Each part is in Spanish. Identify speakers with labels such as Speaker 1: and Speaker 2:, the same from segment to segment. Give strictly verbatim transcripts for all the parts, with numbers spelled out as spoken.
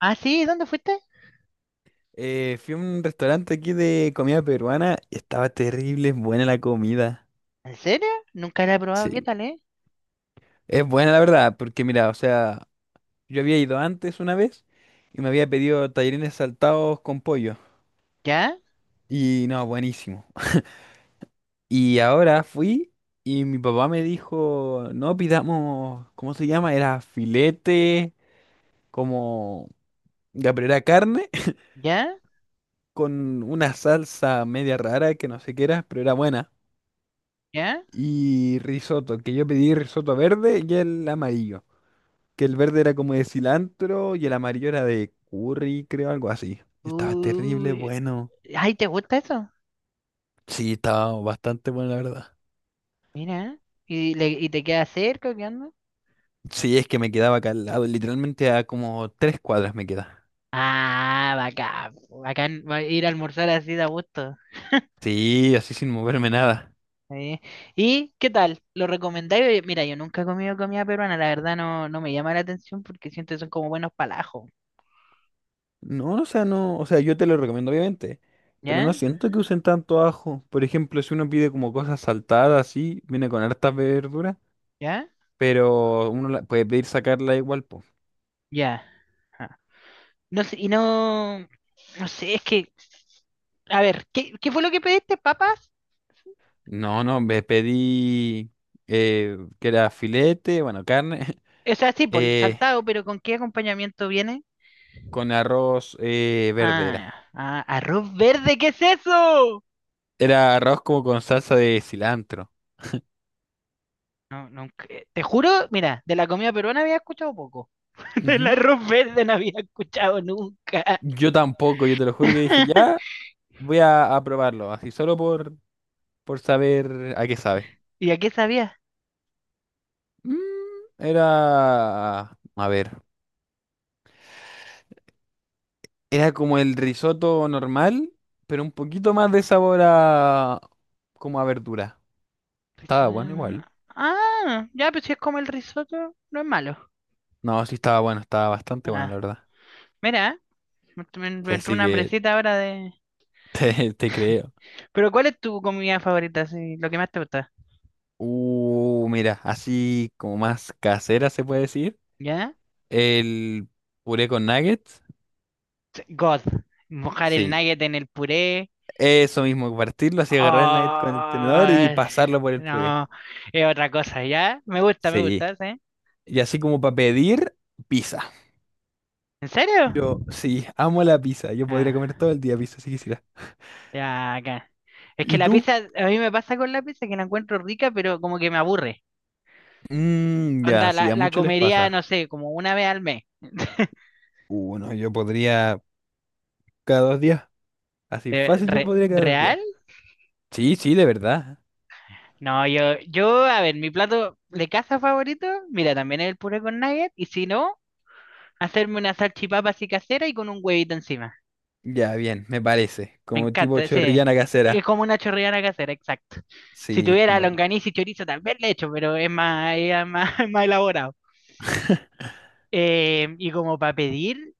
Speaker 1: Ah, sí, ¿dónde fuiste?
Speaker 2: Eh, fui a un restaurante aquí de comida peruana y estaba terrible, buena la comida.
Speaker 1: ¿En serio? Nunca la he probado, ¿qué
Speaker 2: Sí.
Speaker 1: tal, eh?
Speaker 2: Es buena la verdad, porque mira, o sea, yo había ido antes una vez y me había pedido tallarines saltados con pollo.
Speaker 1: ¿Ya?
Speaker 2: Y no, buenísimo. Y ahora fui y mi papá me dijo, no pidamos, ¿cómo se llama? Era filete, como ya pero era carne,
Speaker 1: ¿Ya?
Speaker 2: con una salsa media rara que no sé qué era, pero era buena.
Speaker 1: ¿Ya?
Speaker 2: Y risotto, que yo pedí risotto verde y el amarillo, que el verde era como de cilantro y el amarillo era de curry, creo, algo así. Y estaba terrible,
Speaker 1: Uy.
Speaker 2: bueno.
Speaker 1: Ay, ¿te gusta eso?
Speaker 2: Sí, estaba bastante bueno, la verdad.
Speaker 1: Mira. ¿Y, le- y te queda cerca? ¿O qué onda?
Speaker 2: Sí, es que me quedaba acá al lado, literalmente a como tres cuadras me queda.
Speaker 1: Ah, bacán, po. Bacán, va a ir a almorzar así de a gusto.
Speaker 2: Sí, así sin moverme nada.
Speaker 1: eh. ¿Y qué tal? ¿Lo recomendáis? Oye, mira, yo nunca he comido comida peruana, la verdad no, no me llama la atención porque siento que son como buenos palajos.
Speaker 2: No, o sea, no, o sea, yo te lo recomiendo obviamente, pero
Speaker 1: ¿Ya?
Speaker 2: no siento que usen tanto ajo. Por ejemplo, si uno pide como cosas saltadas así, viene con hartas verduras,
Speaker 1: ¿Ya?
Speaker 2: pero uno la- puede pedir sacarla igual, po.
Speaker 1: Ya. Ah. No sé, y no, no sé, es que, a ver, ¿qué, qué fue lo que pediste, ¿papas?
Speaker 2: No, no, me pedí eh, que era filete, bueno, carne,
Speaker 1: O sea, sí, por
Speaker 2: eh,
Speaker 1: saltado, pero ¿con qué acompañamiento viene?
Speaker 2: con arroz eh, verde
Speaker 1: Ah,
Speaker 2: era.
Speaker 1: ah, arroz verde, ¿qué es eso?
Speaker 2: Era arroz como con salsa de cilantro.
Speaker 1: No, nunca- eh, te juro, mira, de la comida peruana había escuchado poco. Del
Speaker 2: Ujú.
Speaker 1: arroz verde no había escuchado nunca.
Speaker 2: Yo tampoco, yo te lo juro que dije, ya voy a, a probarlo, así solo por, por saber a qué sabe.
Speaker 1: ¿Y a qué sabía?
Speaker 2: Mm, era, a ver, era como el risotto normal, pero un poquito más de sabor a, como a verdura.
Speaker 1: Risotto
Speaker 2: Estaba bueno
Speaker 1: de-
Speaker 2: igual.
Speaker 1: Ah, ya, pues si es como el risotto, no es malo.
Speaker 2: No, sí estaba bueno, estaba bastante bueno, la
Speaker 1: Ah,
Speaker 2: verdad.
Speaker 1: mira, me, me- me entró
Speaker 2: Así
Speaker 1: una
Speaker 2: que
Speaker 1: hambrecita ahora de...
Speaker 2: te, te creo.
Speaker 1: Pero ¿cuál es tu comida favorita? Así, lo que más te gusta.
Speaker 2: Uh, mira, así como más casera se puede decir.
Speaker 1: ¿Ya?
Speaker 2: El puré con nuggets.
Speaker 1: God. Mojar el
Speaker 2: Sí,
Speaker 1: nugget en el puré.
Speaker 2: eso mismo, partirlo así, agarrar el nugget con el tenedor y
Speaker 1: Ah,
Speaker 2: pasarlo por el puré.
Speaker 1: no, es otra cosa, ¿ya? Me gusta, me
Speaker 2: Sí,
Speaker 1: gusta, ¿sí?
Speaker 2: y así como para pedir pizza.
Speaker 1: ¿En serio?
Speaker 2: Yo, sí, amo la pizza. Yo podría
Speaker 1: Ah,
Speaker 2: comer todo el día pizza si quisiera.
Speaker 1: ya, acá. Es que
Speaker 2: ¿Y
Speaker 1: la
Speaker 2: tú?
Speaker 1: pizza, a mí me pasa con la pizza que la encuentro rica, pero como que me aburre.
Speaker 2: Mm, ya,
Speaker 1: Onda,
Speaker 2: sí,
Speaker 1: la,
Speaker 2: a
Speaker 1: la
Speaker 2: muchos les
Speaker 1: comería,
Speaker 2: pasa.
Speaker 1: no sé, como una vez al mes.
Speaker 2: Uno, yo podría cada dos días. Así
Speaker 1: Eh,
Speaker 2: fácil yo
Speaker 1: re-
Speaker 2: podría cada dos días.
Speaker 1: ¿real?
Speaker 2: Sí, sí, de verdad.
Speaker 1: No, yo, yo, a ver, mi plato de casa favorito, mira, también es el puré con nugget, y si no, hacerme una salchipapa así casera y con un huevito encima.
Speaker 2: Ya, bien, me parece.
Speaker 1: Me
Speaker 2: Como tipo
Speaker 1: encanta ese.
Speaker 2: chorrillana
Speaker 1: Es
Speaker 2: casera.
Speaker 1: como una chorreana casera, exacto. Si
Speaker 2: Sí,
Speaker 1: tuviera
Speaker 2: bueno.
Speaker 1: longaniza y chorizo, tal vez le echo, pero es más, es más, es más elaborado. Eh, y como para pedir,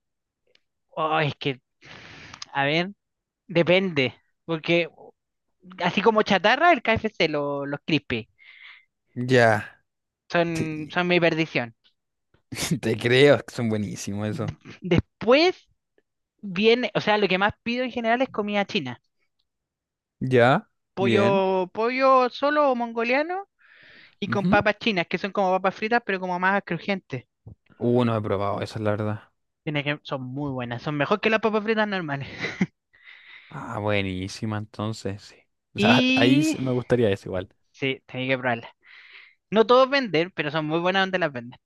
Speaker 1: oh, es que, a ver, depende. Porque así como chatarra, el K F C, lo- los crispy,
Speaker 2: Ya,
Speaker 1: son,
Speaker 2: sí.
Speaker 1: son mi perdición.
Speaker 2: Te creo, es que son buenísimos eso.
Speaker 1: Después viene, o sea, lo que más pido en general es comida china.
Speaker 2: Ya,
Speaker 1: Pollo,
Speaker 2: bien.
Speaker 1: pollo solo o mongoliano. Y con
Speaker 2: Ujú.
Speaker 1: papas chinas, que son como papas fritas, pero como más crujientes.
Speaker 2: Uh, no he probado eso, la verdad.
Speaker 1: Tiene que... son muy buenas, son mejor que las papas fritas normales.
Speaker 2: Ah, buenísima, entonces, sí. O sea, ahí
Speaker 1: Y
Speaker 2: sí me gustaría eso igual.
Speaker 1: sí, tenía que probarlas. No todos venden, pero son muy buenas donde las venden.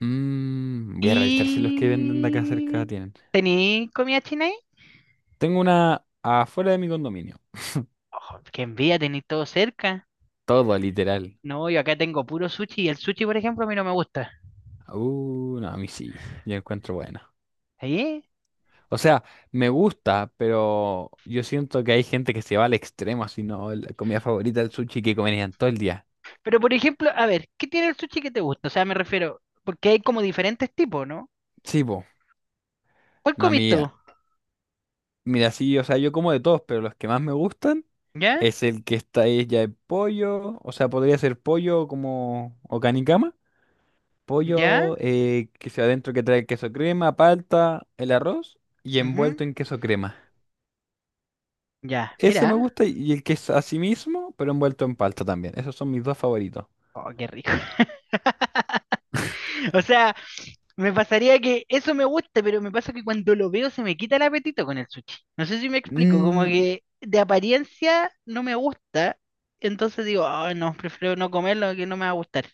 Speaker 2: Mm, voy a revisar si los que venden de acá cerca
Speaker 1: Y
Speaker 2: tienen.
Speaker 1: ¿tení comida china ahí?
Speaker 2: Tengo una afuera de mi condominio.
Speaker 1: Oh, qué envidia, tení todo cerca.
Speaker 2: Todo, literal.
Speaker 1: No, yo acá tengo puro sushi y el sushi, por ejemplo, a mí no me gusta.
Speaker 2: Uh, no, a mí sí. Yo encuentro buena.
Speaker 1: Sí.
Speaker 2: O sea, me gusta, pero yo siento que hay gente que se va al extremo, así, ¿no? La comida favorita del sushi que comerían todo el día.
Speaker 1: Pero, por ejemplo, a ver, ¿qué tiene el sushi que te gusta? O sea, me refiero, porque hay como diferentes tipos, ¿no?
Speaker 2: Sí, po.
Speaker 1: ¿Cuál
Speaker 2: No, a mí,
Speaker 1: comiste
Speaker 2: ah,
Speaker 1: tú?
Speaker 2: mira, sí, o sea, yo como de todos, pero los que más me gustan
Speaker 1: ¿Ya?
Speaker 2: es el que está ahí ya de pollo, o sea, podría ser pollo como, o canicama,
Speaker 1: ¿Ya?
Speaker 2: pollo eh, que sea adentro que trae queso crema, palta, el arroz y
Speaker 1: Ujú.
Speaker 2: envuelto en queso crema.
Speaker 1: Ya,
Speaker 2: Ese me
Speaker 1: mira.
Speaker 2: gusta y y el que es así mismo, pero envuelto en palta también. Esos son mis dos favoritos.
Speaker 1: Oh, qué rico. O sea, me pasaría que eso me gusta, pero me pasa que cuando lo veo se me quita el apetito con el sushi. No sé si me explico, como
Speaker 2: Mm,
Speaker 1: que de apariencia no me gusta, entonces digo: "Ay, no, prefiero no comerlo que no me va a gustar".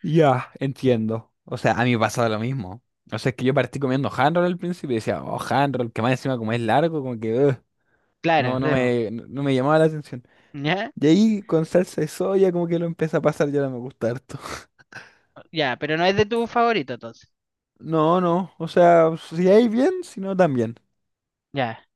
Speaker 2: ya, entiendo. O sea, a mí me pasaba lo mismo. O sea, es que yo partí comiendo hand roll al principio y decía, oh, hand roll, que más encima como es largo, como que "Ugh".
Speaker 1: Claro,
Speaker 2: no, no
Speaker 1: sí, po.
Speaker 2: me, no no me llamaba la atención.
Speaker 1: Ya,
Speaker 2: Y ahí con salsa de soya como que lo empieza a pasar, ya no me gusta harto.
Speaker 1: ya, pero no es de tu favorito entonces.
Speaker 2: No, no, o sea, si hay bien, si no también.
Speaker 1: Ya.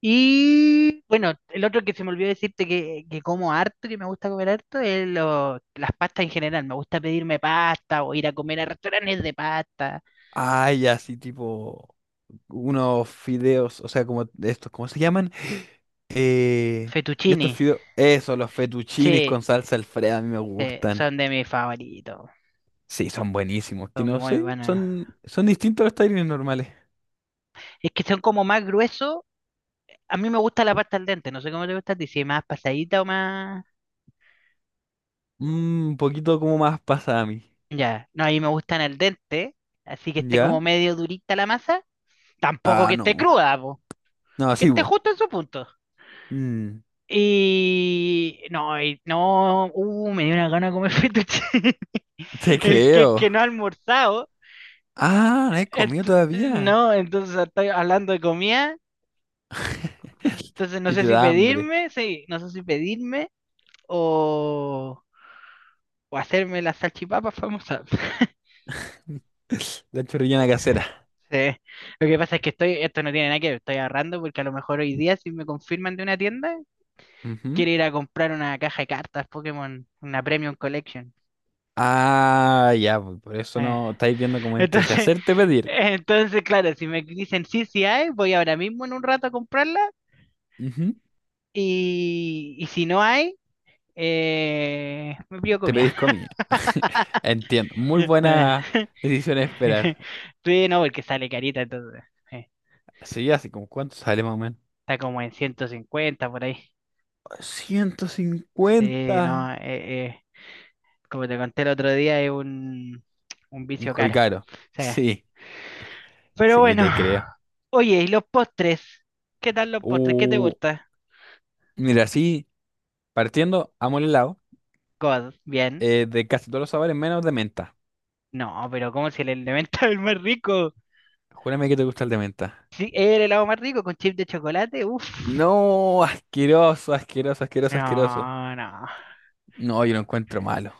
Speaker 1: Y bueno, el otro que se me olvidó decirte que, que como harto, que me gusta comer harto, es lo- las pastas en general. Me gusta pedirme pasta o ir a comer a restaurantes de pasta.
Speaker 2: Ay, así tipo unos fideos, o sea, como de estos, ¿cómo se llaman? Eh, estos
Speaker 1: Fettuccini.
Speaker 2: fideos, eso, los fettuccines
Speaker 1: Sí,
Speaker 2: con salsa Alfredo, a mí me
Speaker 1: sí,
Speaker 2: gustan.
Speaker 1: son de mis favoritos.
Speaker 2: Sí, son buenísimos. Que
Speaker 1: Son
Speaker 2: no
Speaker 1: muy
Speaker 2: sé,
Speaker 1: buenos.
Speaker 2: son, son distintos a los tallarines normales.
Speaker 1: Es que son como más gruesos. A mí me gusta la pasta al dente. No sé cómo te gusta a ti, si es más pasadita o más.
Speaker 2: Mm, un poquito como más pasa a mí.
Speaker 1: Ya, no, a mí me gustan al dente. Así que esté como
Speaker 2: ¿Ya?
Speaker 1: medio durita la masa. Tampoco
Speaker 2: Ah,
Speaker 1: que esté
Speaker 2: no.
Speaker 1: cruda, po.
Speaker 2: No,
Speaker 1: Que
Speaker 2: sí,
Speaker 1: esté
Speaker 2: vos.
Speaker 1: justo en su punto.
Speaker 2: Mm,
Speaker 1: Y no, y no, uh, me dio una gana de comer fettuccine.
Speaker 2: te
Speaker 1: Es que,
Speaker 2: creo.
Speaker 1: que no he almorzado.
Speaker 2: Ah, no he comido
Speaker 1: Ent-
Speaker 2: todavía.
Speaker 1: no, entonces estoy hablando de comida. Entonces no
Speaker 2: Y
Speaker 1: sé
Speaker 2: te
Speaker 1: si
Speaker 2: da hambre.
Speaker 1: pedirme, sí, no sé si pedirme, o, o hacerme las salchipapas famosas.
Speaker 2: La chorrillana casera.
Speaker 1: Sí. Lo que pasa es que estoy... esto no tiene nada que ver, estoy ahorrando porque a lo mejor hoy día, si me confirman de una tienda,
Speaker 2: Ujú.
Speaker 1: quiero ir a comprar una caja de cartas Pokémon, una Premium Collection.
Speaker 2: Ah, ya, pues, por eso
Speaker 1: Eh,
Speaker 2: no estáis viendo como entre si
Speaker 1: Entonces,
Speaker 2: hacerte pedir.
Speaker 1: entonces, claro, si me dicen sí, sí hay, voy ahora mismo en un rato a comprarla,
Speaker 2: Ujú,
Speaker 1: y, y si no hay, eh, me pido
Speaker 2: te
Speaker 1: comida.
Speaker 2: pedís comida. Entiendo. Muy
Speaker 1: Eh,
Speaker 2: buena decisión de esperar.
Speaker 1: Sí, no, porque sale carita, entonces eh,
Speaker 2: Sí, así como cuánto sale más o menos.
Speaker 1: está como en ciento cincuenta por ahí.
Speaker 2: ciento
Speaker 1: Sí,
Speaker 2: cincuenta
Speaker 1: no, eh, eh, como te conté el otro día, es un, un
Speaker 2: Un
Speaker 1: vicio
Speaker 2: hobby
Speaker 1: caro.
Speaker 2: caro.
Speaker 1: Sí.
Speaker 2: Sí,
Speaker 1: Pero
Speaker 2: sí,
Speaker 1: bueno,
Speaker 2: te creo.
Speaker 1: oye, ¿y los postres? ¿Qué tal los postres? ¿Qué te
Speaker 2: Uh,
Speaker 1: gusta?
Speaker 2: mira, sí, partiendo, amo el helado.
Speaker 1: God, bien.
Speaker 2: Eh, de casi todos los sabores, menos de menta.
Speaker 1: No, pero como si el elemento es el más rico?
Speaker 2: Júrame que te gusta el de menta.
Speaker 1: Sí, es el helado más rico con chip de chocolate, uff.
Speaker 2: No, asqueroso, asqueroso, asqueroso, asqueroso.
Speaker 1: No, no.
Speaker 2: No, yo lo encuentro malo.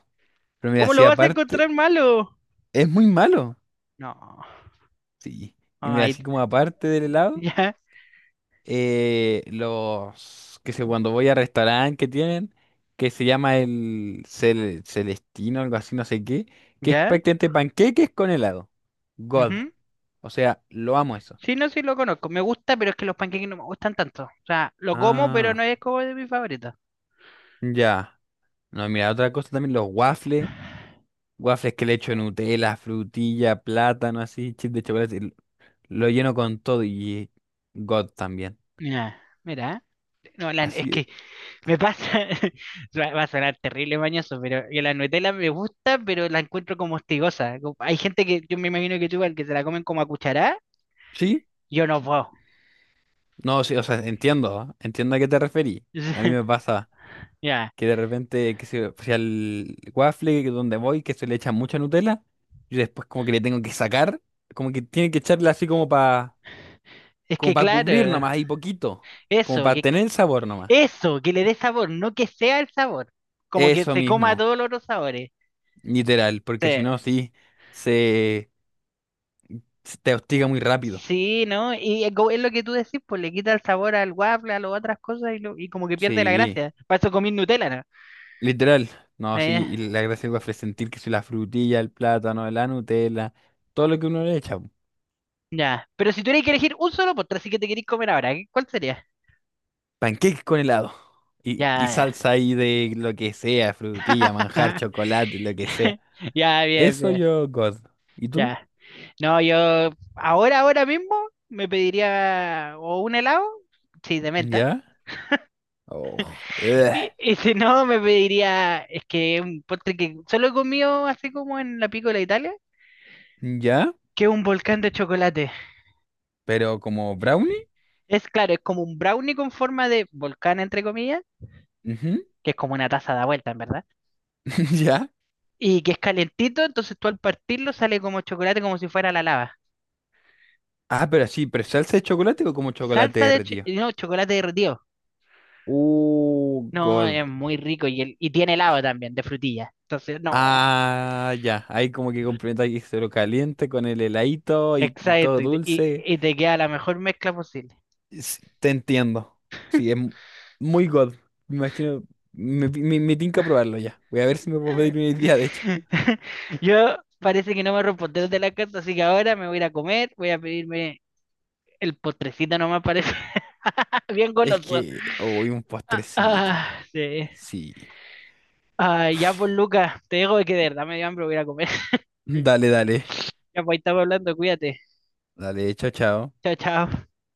Speaker 2: Pero mira,
Speaker 1: ¿Cómo
Speaker 2: así
Speaker 1: lo vas a encontrar
Speaker 2: aparte,
Speaker 1: malo?
Speaker 2: es muy malo.
Speaker 1: No.
Speaker 2: Sí. Y mira,
Speaker 1: Ay,
Speaker 2: así como aparte del helado.
Speaker 1: ya,
Speaker 2: Eh, los, que sé, cuando voy a restaurante que tienen, que se llama el cel- Celestino, algo así, no sé qué, que es
Speaker 1: ya.
Speaker 2: prácticamente panqueques con helado. God.
Speaker 1: Ujú.
Speaker 2: O sea, lo amo eso.
Speaker 1: Sí, no, sí lo conozco. Me gusta, pero es que los panqueques no me gustan tanto. O sea, lo como, pero no
Speaker 2: Ah,
Speaker 1: es como de mis favoritos.
Speaker 2: ya. No, mira, otra cosa también, los waffles. Waffles que le echo Nutella, frutilla, plátano, así, chip de chocolate. l- Lo lleno con todo y God también.
Speaker 1: Mira, mira. No, la- es
Speaker 2: Así,
Speaker 1: que me pasa. Va, va a sonar terrible mañoso, pero yo, la Nutella me gusta, pero la encuentro como hostigosa. Como... hay gente que yo me imagino que igual que se la comen como a cucharada.
Speaker 2: ¿sí?
Speaker 1: Yo no puedo.
Speaker 2: No, sí, o sea, entiendo, ¿ah? Entiendo a qué te referí. A mí me pasa.
Speaker 1: Ya.
Speaker 2: Que de repente, que se, o sea, el waffle que donde voy, que se le echa mucha Nutella, y después como que le tengo que sacar, como que tiene que echarle así como para
Speaker 1: Es
Speaker 2: como
Speaker 1: que
Speaker 2: para cubrir
Speaker 1: claro,
Speaker 2: nomás, ahí poquito, como
Speaker 1: eso,
Speaker 2: para
Speaker 1: que
Speaker 2: tener el sabor nomás.
Speaker 1: eso, que le dé sabor, no que sea el sabor. Como que
Speaker 2: Eso
Speaker 1: se coma
Speaker 2: mismo,
Speaker 1: todos los otros sabores.
Speaker 2: literal,
Speaker 1: Sí.
Speaker 2: porque si no, sí, se, se te hostiga muy rápido.
Speaker 1: Sí, ¿no? Y es como... es lo que tú decís, pues le quita el sabor al waffle, a las otras cosas y, lo- y como que pierde la
Speaker 2: Sí,
Speaker 1: gracia. Para eso comí Nutella, ¿no?
Speaker 2: literal. No, sí,
Speaker 1: Eh,
Speaker 2: y la gracia del waffle es sentir que si la frutilla, el plátano, la Nutella, todo lo que uno le echa.
Speaker 1: ya. Pero si tuvieras que elegir un solo postre, así que te querís comer ahora, ¿qué- ¿cuál sería?
Speaker 2: Pancakes con helado. Y, y
Speaker 1: Ya, ya.
Speaker 2: salsa ahí de lo que sea, frutilla, manjar, chocolate, lo que sea.
Speaker 1: Ya, bien,
Speaker 2: Eso
Speaker 1: bien.
Speaker 2: yo, God. ¿Y tú?
Speaker 1: Ya. No, yo ahora, ahora mismo me pediría o un helado, sí, de menta.
Speaker 2: ¿Ya? Oh,
Speaker 1: Y,
Speaker 2: ugh.
Speaker 1: y si no, me pediría, es que un postre que solo he comido así como en la Piccola Italia,
Speaker 2: ¿Ya?
Speaker 1: que es un volcán de chocolate.
Speaker 2: ¿Pero como brownie?
Speaker 1: Es claro, es como un brownie con forma de volcán, entre comillas,
Speaker 2: Ujú.
Speaker 1: que es como una taza da vuelta, en verdad.
Speaker 2: ¿Ya?
Speaker 1: Y que es calentito, entonces tú al partirlo sale como chocolate, como si fuera la lava.
Speaker 2: Ah, pero sí, ¿pero salsa de chocolate o como chocolate
Speaker 1: Salsa de cho-
Speaker 2: derretido?
Speaker 1: no, chocolate derretido.
Speaker 2: Uh,
Speaker 1: No,
Speaker 2: God.
Speaker 1: es muy rico y, el- y tiene helado también, de frutilla. Entonces, no,
Speaker 2: Ah, ya. Ahí como que complementa que se lo caliente con el heladito y todo
Speaker 1: exacto, y te, y-
Speaker 2: dulce.
Speaker 1: y te queda la mejor mezcla posible.
Speaker 2: Sí, te entiendo. Sí, es mu- muy God. Me imagino. Me, me, me tinca probarlo ya. Voy a ver si me puedo pedir una idea, de hecho.
Speaker 1: Yo parece que no me respondieron de la casa, así que ahora me voy a ir a comer, voy a pedirme el postrecito nomás, parece bien
Speaker 2: Es
Speaker 1: goloso.
Speaker 2: que hoy un postrecito.
Speaker 1: Ah, sí.
Speaker 2: Sí.
Speaker 1: Ah, ya pues Lucas, te digo que de verdad me dio hambre, voy a ir a comer.
Speaker 2: Dale, dale.
Speaker 1: Ya pues ahí estamos hablando, cuídate.
Speaker 2: Dale, chao, chao.
Speaker 1: Chao, chao.